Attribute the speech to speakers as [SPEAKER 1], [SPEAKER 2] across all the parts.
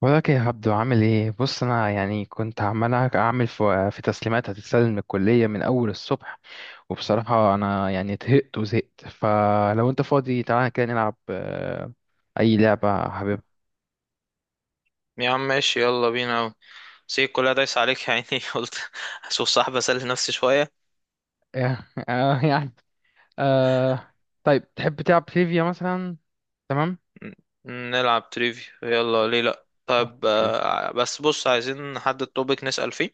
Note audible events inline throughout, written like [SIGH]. [SPEAKER 1] ولك يا عبدو، عامل ايه؟ بص، انا يعني كنت عمال اعمل في تسليمات هتتسلم من الكليه من اول الصبح، وبصراحه انا يعني طهقت وزهقت. فلو انت فاضي تعالى كده نلعب اي لعبه حبيبها.
[SPEAKER 2] يا عم ماشي، يلا بينا أوي. سيب كلها دايس عليك يا عيني. [LAUGHS] قلت اشوف صاحب اسلي نفسي شوية.
[SPEAKER 1] [LAUGHS] آه، يعني آه طيب، تحب تلعب تريفيا مثلا؟ تمام.
[SPEAKER 2] ن- نلعب تريفي، يلا. ليه لأ؟ طيب،
[SPEAKER 1] اوكي،
[SPEAKER 2] بس بص، عايزين نحدد توبيك نسأل فيه،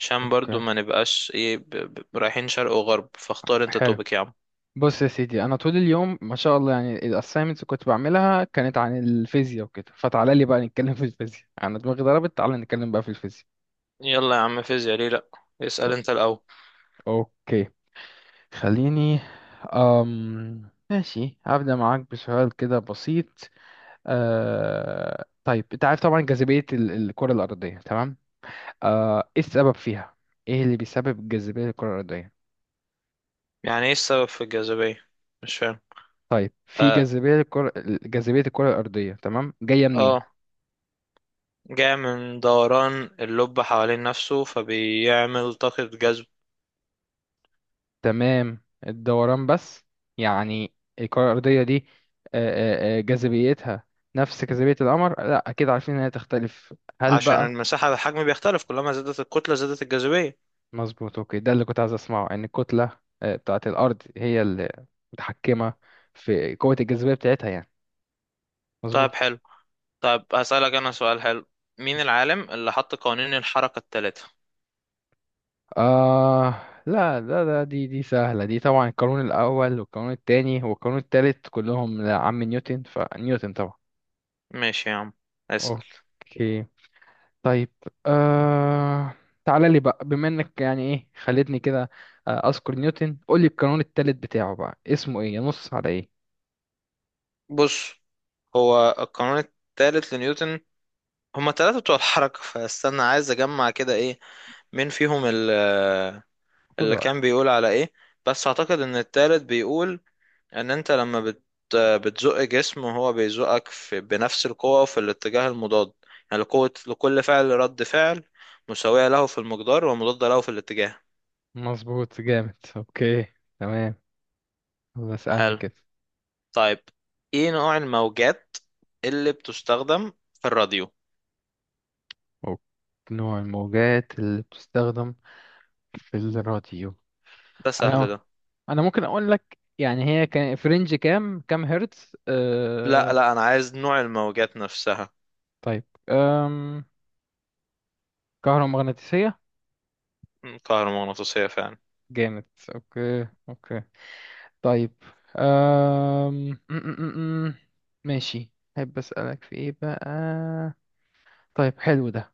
[SPEAKER 2] عشان برضو
[SPEAKER 1] اوكي،
[SPEAKER 2] ما نبقاش ايه رايحين شرق وغرب. فاختار انت
[SPEAKER 1] حلو.
[SPEAKER 2] توبيك يا عم.
[SPEAKER 1] بص يا سيدي، انا طول اليوم ما شاء الله، يعني الاسايمنتس كنت بعملها كانت عن الفيزياء وكده، فتعالى لي بقى نتكلم في الفيزياء، انا دماغي ضربت، تعالى نتكلم بقى في الفيزياء.
[SPEAKER 2] يلا يا عم، فيزياء ليه لأ. اسأل انت الأول.
[SPEAKER 1] اوكي، خليني. ماشي، هبدأ معاك بسؤال كده بسيط. طيب، انت عارف طبعا جاذبية الكرة الأرضية، تمام؟ ايه السبب فيها؟ ايه اللي بيسبب الجاذبية للكرة الأرضية؟
[SPEAKER 2] يعني ايه السبب في الجاذبية؟ مش فاهم.
[SPEAKER 1] طيب، في
[SPEAKER 2] اه.
[SPEAKER 1] جاذبية الكرة، جاذبية الكرة الأرضية، تمام، جاية منين؟
[SPEAKER 2] آه، جاء من دوران اللب حوالين نفسه، فبيعمل طاقة جذب.
[SPEAKER 1] تمام، الدوران بس؟ يعني الكرة الأرضية دي أه... أه... آه، جاذبيتها نفس جاذبية القمر؟ لا، أكيد عارفين إنها تختلف، هل
[SPEAKER 2] عشان
[SPEAKER 1] بقى؟
[SPEAKER 2] المساحة، الحجم بيختلف، كلما زادت الكتلة زادت الجاذبية.
[SPEAKER 1] مظبوط. اوكي، ده اللي كنت عايز اسمعه، ان الكتله بتاعه الارض هي اللي متحكمه في قوه الجاذبيه بتاعتها يعني،
[SPEAKER 2] طيب
[SPEAKER 1] مظبوط.
[SPEAKER 2] حلو. طيب هسألك أنا سؤال حلو: مين العالم اللي حط قوانين الحركة الثلاثة؟
[SPEAKER 1] آه. لا، ده دي سهله دي طبعا، القانون الاول والقانون الثاني والقانون الثالث كلهم لعم نيوتن، فنيوتن طبعا.
[SPEAKER 2] ماشي يا عم، اسأل.
[SPEAKER 1] اوكي، طيب. آه تعالى لي بقى، بما انك يعني ايه خلتني كده، اذكر نيوتن، قول لي القانون الثالث بتاعه بقى، اسمه ايه، ينص على ايه؟
[SPEAKER 2] بص، هو القانون الثالث لنيوتن، هما التلاتة بتوع الحركة، فاستنى، عايز أجمع كده إيه، مين فيهم
[SPEAKER 1] خد
[SPEAKER 2] اللي كان
[SPEAKER 1] وقتك.
[SPEAKER 2] بيقول على إيه. بس أعتقد إن التالت بيقول ان انت لما بتزق جسم، وهو بيزقك في بنفس القوة وفي الاتجاه المضاد. يعني لقوة لكل فعل رد فعل مساوية له في المقدار ومضادة له في الاتجاه.
[SPEAKER 1] مظبوط، جامد، اوكي، تمام. هو اسألني
[SPEAKER 2] حلو.
[SPEAKER 1] كده.
[SPEAKER 2] طيب ايه نوع الموجات اللي بتستخدم في الراديو؟
[SPEAKER 1] أو- نوع الموجات اللي بتستخدم في الراديو؟
[SPEAKER 2] ده سهل
[SPEAKER 1] أنا
[SPEAKER 2] ده.
[SPEAKER 1] أنا ممكن أقول لك يعني هي كان في رينج كام هرتز.
[SPEAKER 2] لا لا، انا عايز نوع الموجات نفسها.
[SPEAKER 1] طيب. أم... كهرومغناطيسية.
[SPEAKER 2] كهرومغناطيسية فعلا.
[SPEAKER 1] جامد. أوكي، أوكي. طيب. أم... م- م- م- م. ماشي، أحب أسألك في إيه بقى. طيب حلو ده.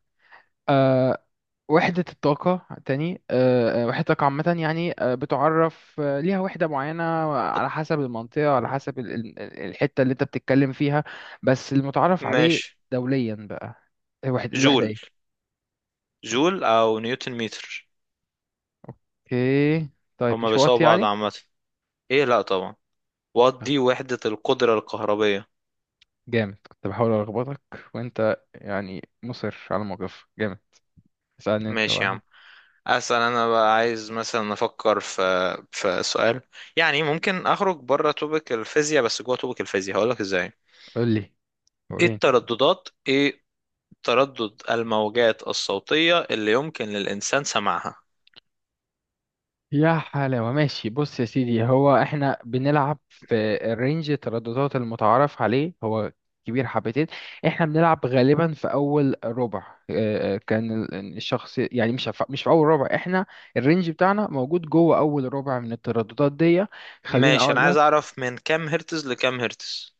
[SPEAKER 1] آه، وحدة الطاقة تاني، وحدة الطاقة عامة، يعني بتعرف ليها وحدة معينة على حسب المنطقة، على حسب الحتة اللي انت بتتكلم فيها، بس المتعارف عليه
[SPEAKER 2] ماشي.
[SPEAKER 1] دوليا بقى، الوحدة
[SPEAKER 2] جول.
[SPEAKER 1] ايه؟
[SPEAKER 2] جول او نيوتن متر.
[SPEAKER 1] اوكي، طيب،
[SPEAKER 2] هما
[SPEAKER 1] مش
[SPEAKER 2] بيساووا
[SPEAKER 1] وقت
[SPEAKER 2] بعض
[SPEAKER 1] يعني؟
[SPEAKER 2] عامة. ايه، لا طبعا، وات
[SPEAKER 1] آه،
[SPEAKER 2] دي وحدة القدرة الكهربية.
[SPEAKER 1] جامد، كنت بحاول ألخبطك، وانت يعني مصر على الموقف، جامد. اسألني انت
[SPEAKER 2] ماشي يا
[SPEAKER 1] بقى.
[SPEAKER 2] عم، اسال انا بقى، عايز مثلا افكر في سؤال، يعني ممكن اخرج بره توبك الفيزياء، بس جوه توبك الفيزياء، هقول لك ازاي.
[SPEAKER 1] قول لي، وريني.
[SPEAKER 2] ايه تردد الموجات الصوتية اللي يمكن للانسان سماعها؟
[SPEAKER 1] يا حلاوة، ماشي، بص يا سيدي، هو احنا بنلعب في الرينج، الترددات المتعارف عليه هو كبير حبتين، احنا بنلعب غالبا في اول ربع. اه، كان الشخص يعني، مش في اول ربع، احنا الرينج بتاعنا موجود جوه اول ربع من الترددات دي، خلينا
[SPEAKER 2] ماشي، انا
[SPEAKER 1] اقول
[SPEAKER 2] عايز
[SPEAKER 1] لك.
[SPEAKER 2] اعرف من كام هرتز لكام هرتز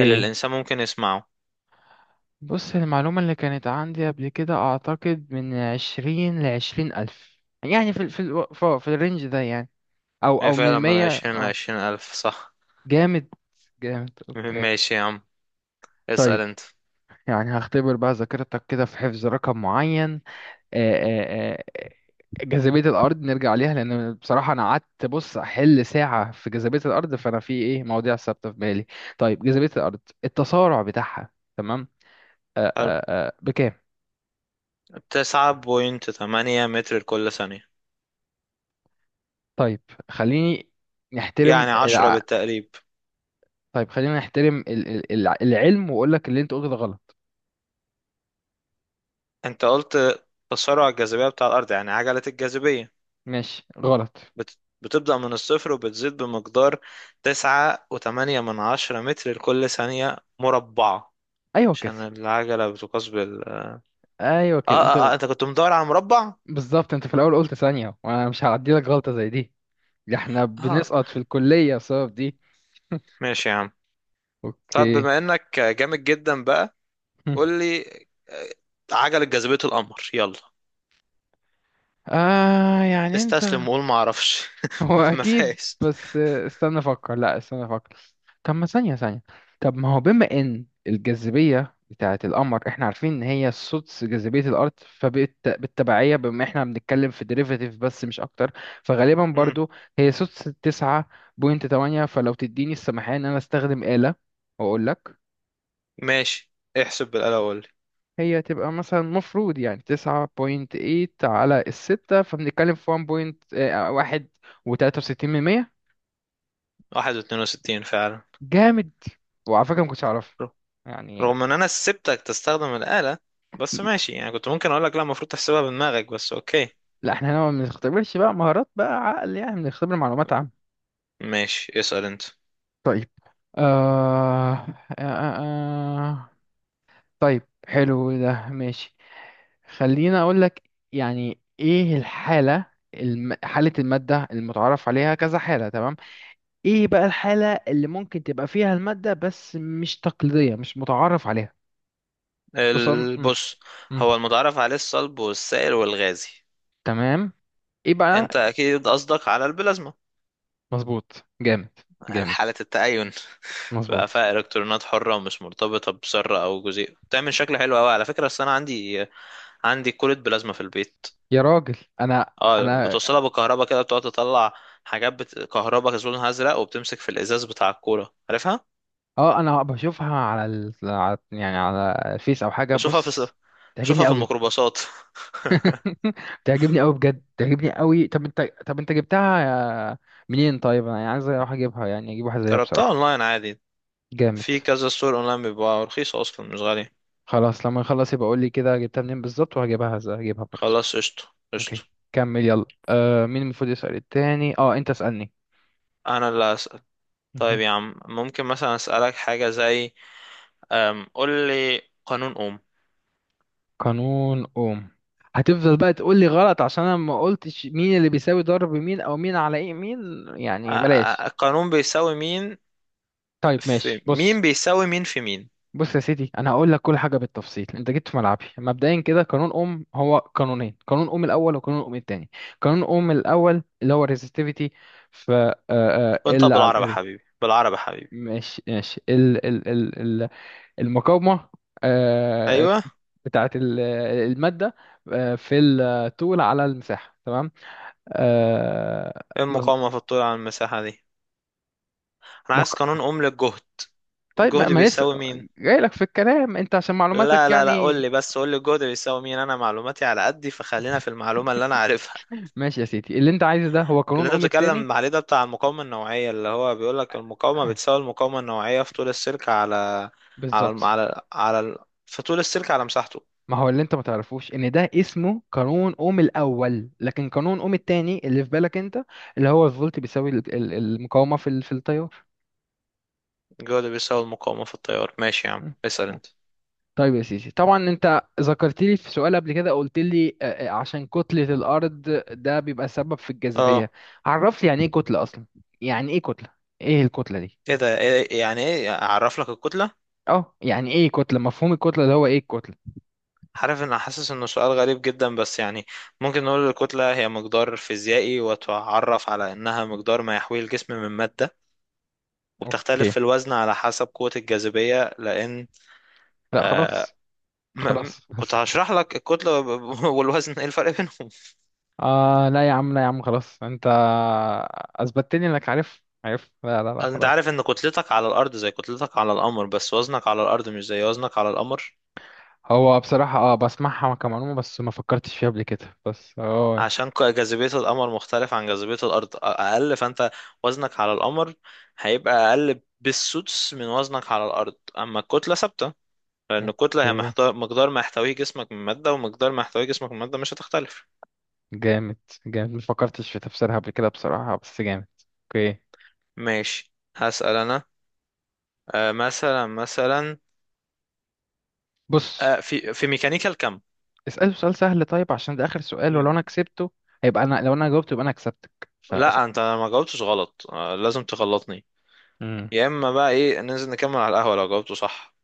[SPEAKER 2] اللي الانسان ممكن يسمعه.
[SPEAKER 1] بص، المعلومة اللي كانت عندي قبل كده، اعتقد من 20 لـ 20,000، يعني في ال- في الو- في في الرينج ده يعني، او
[SPEAKER 2] هي
[SPEAKER 1] او
[SPEAKER 2] فعلا
[SPEAKER 1] من
[SPEAKER 2] من
[SPEAKER 1] مية.
[SPEAKER 2] 20 ل
[SPEAKER 1] آه.
[SPEAKER 2] 20 الف، صح؟
[SPEAKER 1] جامد، جامد،
[SPEAKER 2] [LAUGHS]
[SPEAKER 1] اوكي.
[SPEAKER 2] ماشي يا عم، اسال
[SPEAKER 1] طيب،
[SPEAKER 2] انت.
[SPEAKER 1] يعني هختبر بقى ذاكرتك كده في حفظ رقم معين. آه، آه، آه، جاذبية الأرض نرجع ليها، لأن بصراحة أنا قعدت بص أحل ساعة في جاذبية الأرض، فأنا في إيه مواضيع ثابتة في بالي. طيب، جاذبية الأرض، التسارع بتاعها، تمام،
[SPEAKER 2] حلو.
[SPEAKER 1] بكام؟
[SPEAKER 2] 9.8 متر لكل ثانية،
[SPEAKER 1] طيب خليني نحترم
[SPEAKER 2] يعني 10
[SPEAKER 1] الع...
[SPEAKER 2] بالتقريب.
[SPEAKER 1] طيب، خلينا نحترم العلم، وأقول لك اللي أنت قلته ده غلط.
[SPEAKER 2] انت قلت تسارع الجاذبية بتاع الأرض، يعني عجلة الجاذبية،
[SPEAKER 1] ماشي، غلط.
[SPEAKER 2] بتبدأ من الصفر وبتزيد بمقدار 9.8 متر لكل ثانية مربعة،
[SPEAKER 1] أيوه كده.
[SPEAKER 2] عشان العجلة بتقاس بال
[SPEAKER 1] ايوه كده، انت
[SPEAKER 2] أنت كنت مدور على مربع؟
[SPEAKER 1] بالظبط انت في الاول قلت ثانية، وانا مش هعدي لك غلطة زي دي، ده احنا
[SPEAKER 2] آه،
[SPEAKER 1] بنسقط في الكلية بسبب دي.
[SPEAKER 2] ماشي يا عم. طب
[SPEAKER 1] اوكي.
[SPEAKER 2] بما إنك جامد جدا بقى،
[SPEAKER 1] [LAUGHS]
[SPEAKER 2] قول لي آه، عجلة جاذبية القمر، يلا،
[SPEAKER 1] اه يعني انت.
[SPEAKER 2] استسلم وقول معرفش.
[SPEAKER 1] [LAUGHS] هو
[SPEAKER 2] [LAUGHS] ما
[SPEAKER 1] اكيد،
[SPEAKER 2] فيهاش.
[SPEAKER 1] بس استنى افكر، لا استنى افكر. طب ما ثانية، ثانية. طب ما هو بما ان الجاذبية بتاعة القمر، احنا عارفين ان هي سدس جاذبية الارض، فبالتبعية، بما احنا بنتكلم في ديريفاتيف بس مش اكتر، فغالبا
[SPEAKER 2] مم،
[SPEAKER 1] برضو هي سدس 9.8، فلو تديني السماحية ان انا استخدم آلة واقول لك.
[SPEAKER 2] ماشي، احسب بالآلة وقول لي.
[SPEAKER 1] هي تبقى مثلا مفروض يعني 9.8/6، فبنتكلم في ون بوينت، واحد وتلاتة وستين من مية.
[SPEAKER 2] واحد واتنين وستين فعلا.
[SPEAKER 1] جامد، وعلى فكرة ما كنتش أعرفها يعني.
[SPEAKER 2] رغم ان انا سبتك تستخدم الآلة، بس ماشي، يعني كنت ممكن اقول لك لا، المفروض تحسبها بدماغك، بس اوكي.
[SPEAKER 1] لا، احنا هنا ما بنختبرش بقى مهارات بقى عقل يعني، بنختبر معلومات عامة.
[SPEAKER 2] ماشي، اسأل انت.
[SPEAKER 1] طيب. آه... آه... آه... آه. طيب حلو ده، ماشي، خلينا اقول لك، يعني ايه الحالة، حالة المادة المتعارف عليها كذا حالة، تمام، ايه بقى الحالة اللي ممكن تبقى فيها المادة بس مش تقليدية، مش متعارف عليها؟ تصن م.
[SPEAKER 2] بص،
[SPEAKER 1] م.
[SPEAKER 2] هو المتعارف عليه الصلب والسائل والغازي.
[SPEAKER 1] تمام، ايه بقى.
[SPEAKER 2] انت اكيد قصدك على البلازما.
[SPEAKER 1] مظبوط، جامد،
[SPEAKER 2] [LAUGHS]
[SPEAKER 1] جامد،
[SPEAKER 2] حالة التأين، بقى
[SPEAKER 1] مظبوط.
[SPEAKER 2] فيها الكترونات حرة ومش مرتبطة بذرة او جزيء، بتعمل شكل حلو قوي على فكرة. بس انا عندي كولة بلازما في البيت.
[SPEAKER 1] يا راجل، انا
[SPEAKER 2] اه،
[SPEAKER 1] انا
[SPEAKER 2] بتوصلها بالكهرباء كده، بتقعد تطلع حاجات كهرباء لونها ازرق، وبتمسك في الازاز بتاع الكورة، عارفها؟
[SPEAKER 1] اه انا بشوفها على يعني على الفيس او حاجة،
[SPEAKER 2] بشوفها في
[SPEAKER 1] بص. تعجبني
[SPEAKER 2] بشوفها في
[SPEAKER 1] قوي.
[SPEAKER 2] الميكروباصات.
[SPEAKER 1] [LAUGHS] تعجبني قوي بجد، تعجبني قوي. طب انت، طب انت جبتها منين؟ طيب، انا يعني عايز اروح اجيبها، يعني اجيب واحدة زيها
[SPEAKER 2] جربتها
[SPEAKER 1] بصراحة.
[SPEAKER 2] اونلاين عادي،
[SPEAKER 1] جامد.
[SPEAKER 2] في كذا ستور اونلاين، بيبقى رخيصة اصلا مش غالية.
[SPEAKER 1] خلاص، لما نخلص يبقى قول لي كده جبتها منين بالظبط، وهجيبها، هجيبها برضه.
[SPEAKER 2] خلاص، قشطة قشطة.
[SPEAKER 1] اوكي، كمل يلا. آه، مين المفروض يسأل التاني؟ اه، انت اسألني.
[SPEAKER 2] انا اللي هسأل. طيب
[SPEAKER 1] مهم.
[SPEAKER 2] يا عم ممكن مثلا اسألك حاجة زي قول لي قانون اوم.
[SPEAKER 1] قانون اوم، هتفضل بقى تقول لي غلط، عشان انا ما قلتش مين اللي بيساوي ضرب مين، او مين على ايه مين، يعني بلاش.
[SPEAKER 2] القانون بيساوي مين
[SPEAKER 1] طيب،
[SPEAKER 2] في
[SPEAKER 1] ماشي، بص.
[SPEAKER 2] مين، بيساوي مين في مين؟
[SPEAKER 1] بص يا سيدي، انا هقول لك كل حاجه بالتفصيل، انت جيت في ملعبي مبدئيا كده. قانون اوم هو قانونين، قانون اوم الاول وقانون اوم التاني. قانون اوم الاول اللي هو الريزستيفيتي، ف
[SPEAKER 2] وانت
[SPEAKER 1] ال على
[SPEAKER 2] بالعربي يا
[SPEAKER 1] الاري.
[SPEAKER 2] حبيبي، بالعربي يا حبيبي.
[SPEAKER 1] ماشي، ماشي، ال المقاومة، آه،
[SPEAKER 2] ايوه.
[SPEAKER 1] بتاعة المادة، في الطول على المساحة، تمام، آه،
[SPEAKER 2] إيه
[SPEAKER 1] مظ-
[SPEAKER 2] المقاومة في الطول على المساحة دي؟ انا عايز
[SPEAKER 1] مق-
[SPEAKER 2] قانون اوم للجهد.
[SPEAKER 1] طيب، ما
[SPEAKER 2] الجهد
[SPEAKER 1] ما لسه
[SPEAKER 2] بيساوي مين؟
[SPEAKER 1] جاي لك في الكلام انت، عشان
[SPEAKER 2] لا
[SPEAKER 1] معلوماتك
[SPEAKER 2] لا لا، قول
[SPEAKER 1] يعني.
[SPEAKER 2] لي بس، قول لي الجهد بيساوي مين. انا معلوماتي على قدي، فخلينا في المعلومه اللي انا عارفها.
[SPEAKER 1] ماشي يا سيدي، اللي انت عايزه ده هو
[SPEAKER 2] [LAUGHS] اللي
[SPEAKER 1] قانون
[SPEAKER 2] انت
[SPEAKER 1] اوم التاني.
[SPEAKER 2] بتتكلم عليه ده بتاع المقاومه النوعيه، اللي هو بيقول لك المقاومه
[SPEAKER 1] آه،
[SPEAKER 2] بتساوي المقاومه النوعيه في طول السلك على على الم-
[SPEAKER 1] بالظبط.
[SPEAKER 2] على على ال- في طول السلك على مساحته.
[SPEAKER 1] ما هو اللي انت ما تعرفوش ان ده اسمه قانون اوم الاول، لكن قانون اوم التاني اللي في بالك انت، اللي هو الفولت بيساوي المقاومة في التيار.
[SPEAKER 2] الجهد بيساوي المقاومه في التيار. ماشي يا عم، اسال انت.
[SPEAKER 1] طيب يا سيدي، طبعا انت ذكرت لي في سؤال قبل كده، قلت لي عشان كتلة الارض ده بيبقى سبب في الجاذبية.
[SPEAKER 2] اه،
[SPEAKER 1] عرف لي يعني ايه كتلة اصلا، يعني ايه كتلة، ايه الكتلة دي؟
[SPEAKER 2] ايه ده؟ إيه، يعني ايه اعرف لك الكتله؟
[SPEAKER 1] اه، يعني ايه كتلة، مفهوم الكتلة ده، هو ايه الكتلة؟
[SPEAKER 2] عارف، ان حاسس انه سؤال غريب جدا، بس يعني ممكن نقول الكتله هي مقدار فيزيائي، وتعرف على انها مقدار ما يحويه الجسم من ماده، وبتختلف
[SPEAKER 1] اوكي،
[SPEAKER 2] في الوزن على حسب قوة الجاذبية، لأن...
[SPEAKER 1] لا
[SPEAKER 2] آه.
[SPEAKER 1] خلاص، خلاص.
[SPEAKER 2] كنت
[SPEAKER 1] [LAUGHS]
[SPEAKER 2] هشرح لك الكتلة [LAUGHS] والوزن، ايه الفرق بينهم.
[SPEAKER 1] اه لا يا عم، لا يا عم، خلاص، انت اثبتت لي انك عارف، عارف، لا لا لا
[SPEAKER 2] انت
[SPEAKER 1] خلاص.
[SPEAKER 2] عارف ان كتلتك على الأرض زي كتلتك على القمر، بس وزنك على الأرض مش زي وزنك على القمر.
[SPEAKER 1] هو بصراحة اه بسمعها كمعلومة، بس ما فكرتش فيها قبل كده، بس اه.
[SPEAKER 2] عشان جاذبية القمر مختلف عن جاذبية الأرض، أقل. فأنت وزنك على القمر هيبقى أقل بالسدس من وزنك على الأرض، أما الكتلة ثابتة، لأن الكتلة هي
[SPEAKER 1] اوكي،
[SPEAKER 2] محتوى مقدار ما يحتويه جسمك من مادة، ومقدار ما يحتويه جسمك من مادة مش هتختلف.
[SPEAKER 1] جامد، جامد، ما فكرتش في تفسيرها قبل كده بصراحة، بس جامد. اوكي.
[SPEAKER 2] ماشي، هسأل أنا. مثلا.
[SPEAKER 1] بص،
[SPEAKER 2] في ميكانيكا الكم.
[SPEAKER 1] اسأله سؤال سهل، طيب عشان ده آخر سؤال، ولو
[SPEAKER 2] م-
[SPEAKER 1] انا كسبته هيبقى انا، لو انا جاوبته يبقى انا كسبتك، فاسأل.
[SPEAKER 2] لا، انت ما جاوبتش غلط، لازم تغلطني.
[SPEAKER 1] مم.
[SPEAKER 2] يا اما بقى ايه، ننزل نكمل على القهوة لو جاوبته صح،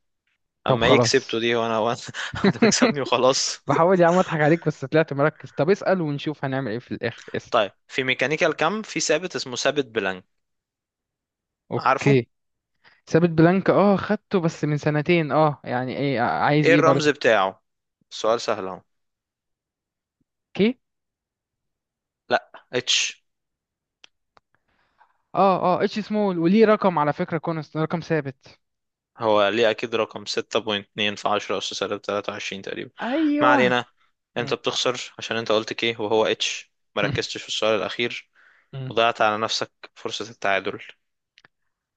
[SPEAKER 1] طب
[SPEAKER 2] اما ايه
[SPEAKER 1] خلاص.
[SPEAKER 2] كسبته دي، وانا [LAUGHS] انت تكسبني
[SPEAKER 1] [LAUGHS]
[SPEAKER 2] وخلاص. [LAUGHS]
[SPEAKER 1] بحاول يا عم اضحك عليك، بس طلعت مركز، طب اسأل ونشوف هنعمل ايه في الآخر، اسأل.
[SPEAKER 2] طيب في ميكانيكا الكم في ثابت اسمه ثابت بلانك، عارفه؟
[SPEAKER 1] اوكي. ثابت بلانك، اه خدته بس من سنتين، اه يعني ايه، عايز
[SPEAKER 2] ايه
[SPEAKER 1] ايه
[SPEAKER 2] الرمز
[SPEAKER 1] برضو؟
[SPEAKER 2] بتاعه؟ السؤال سهل اهو.
[SPEAKER 1] اوكي.
[SPEAKER 2] لا، اتش.
[SPEAKER 1] اه، اه، اتش سمول، وليه رقم على فكرة، كونست، رقم ثابت.
[SPEAKER 2] هو ليه اكيد رقم، 6.2 في 10 اس سالب 23 تقريبا. ما
[SPEAKER 1] ايوه.
[SPEAKER 2] علينا. انت
[SPEAKER 1] مم.
[SPEAKER 2] بتخسر عشان انت قلت كيه وهو اتش، مركزتش في السؤال الاخير،
[SPEAKER 1] [LAUGHS]
[SPEAKER 2] وضيعت على نفسك فرصة التعادل.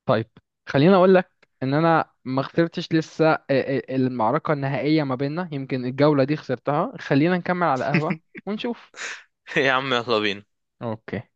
[SPEAKER 1] طيب، خليني اقول لك ان انا ما خسرتش لسه، المعركه النهائيه ما بيننا، يمكن الجوله دي خسرتها، خلينا نكمل على قهوه ونشوف.
[SPEAKER 2] [LAUGHS] يا عم يلا بينا.
[SPEAKER 1] اوكي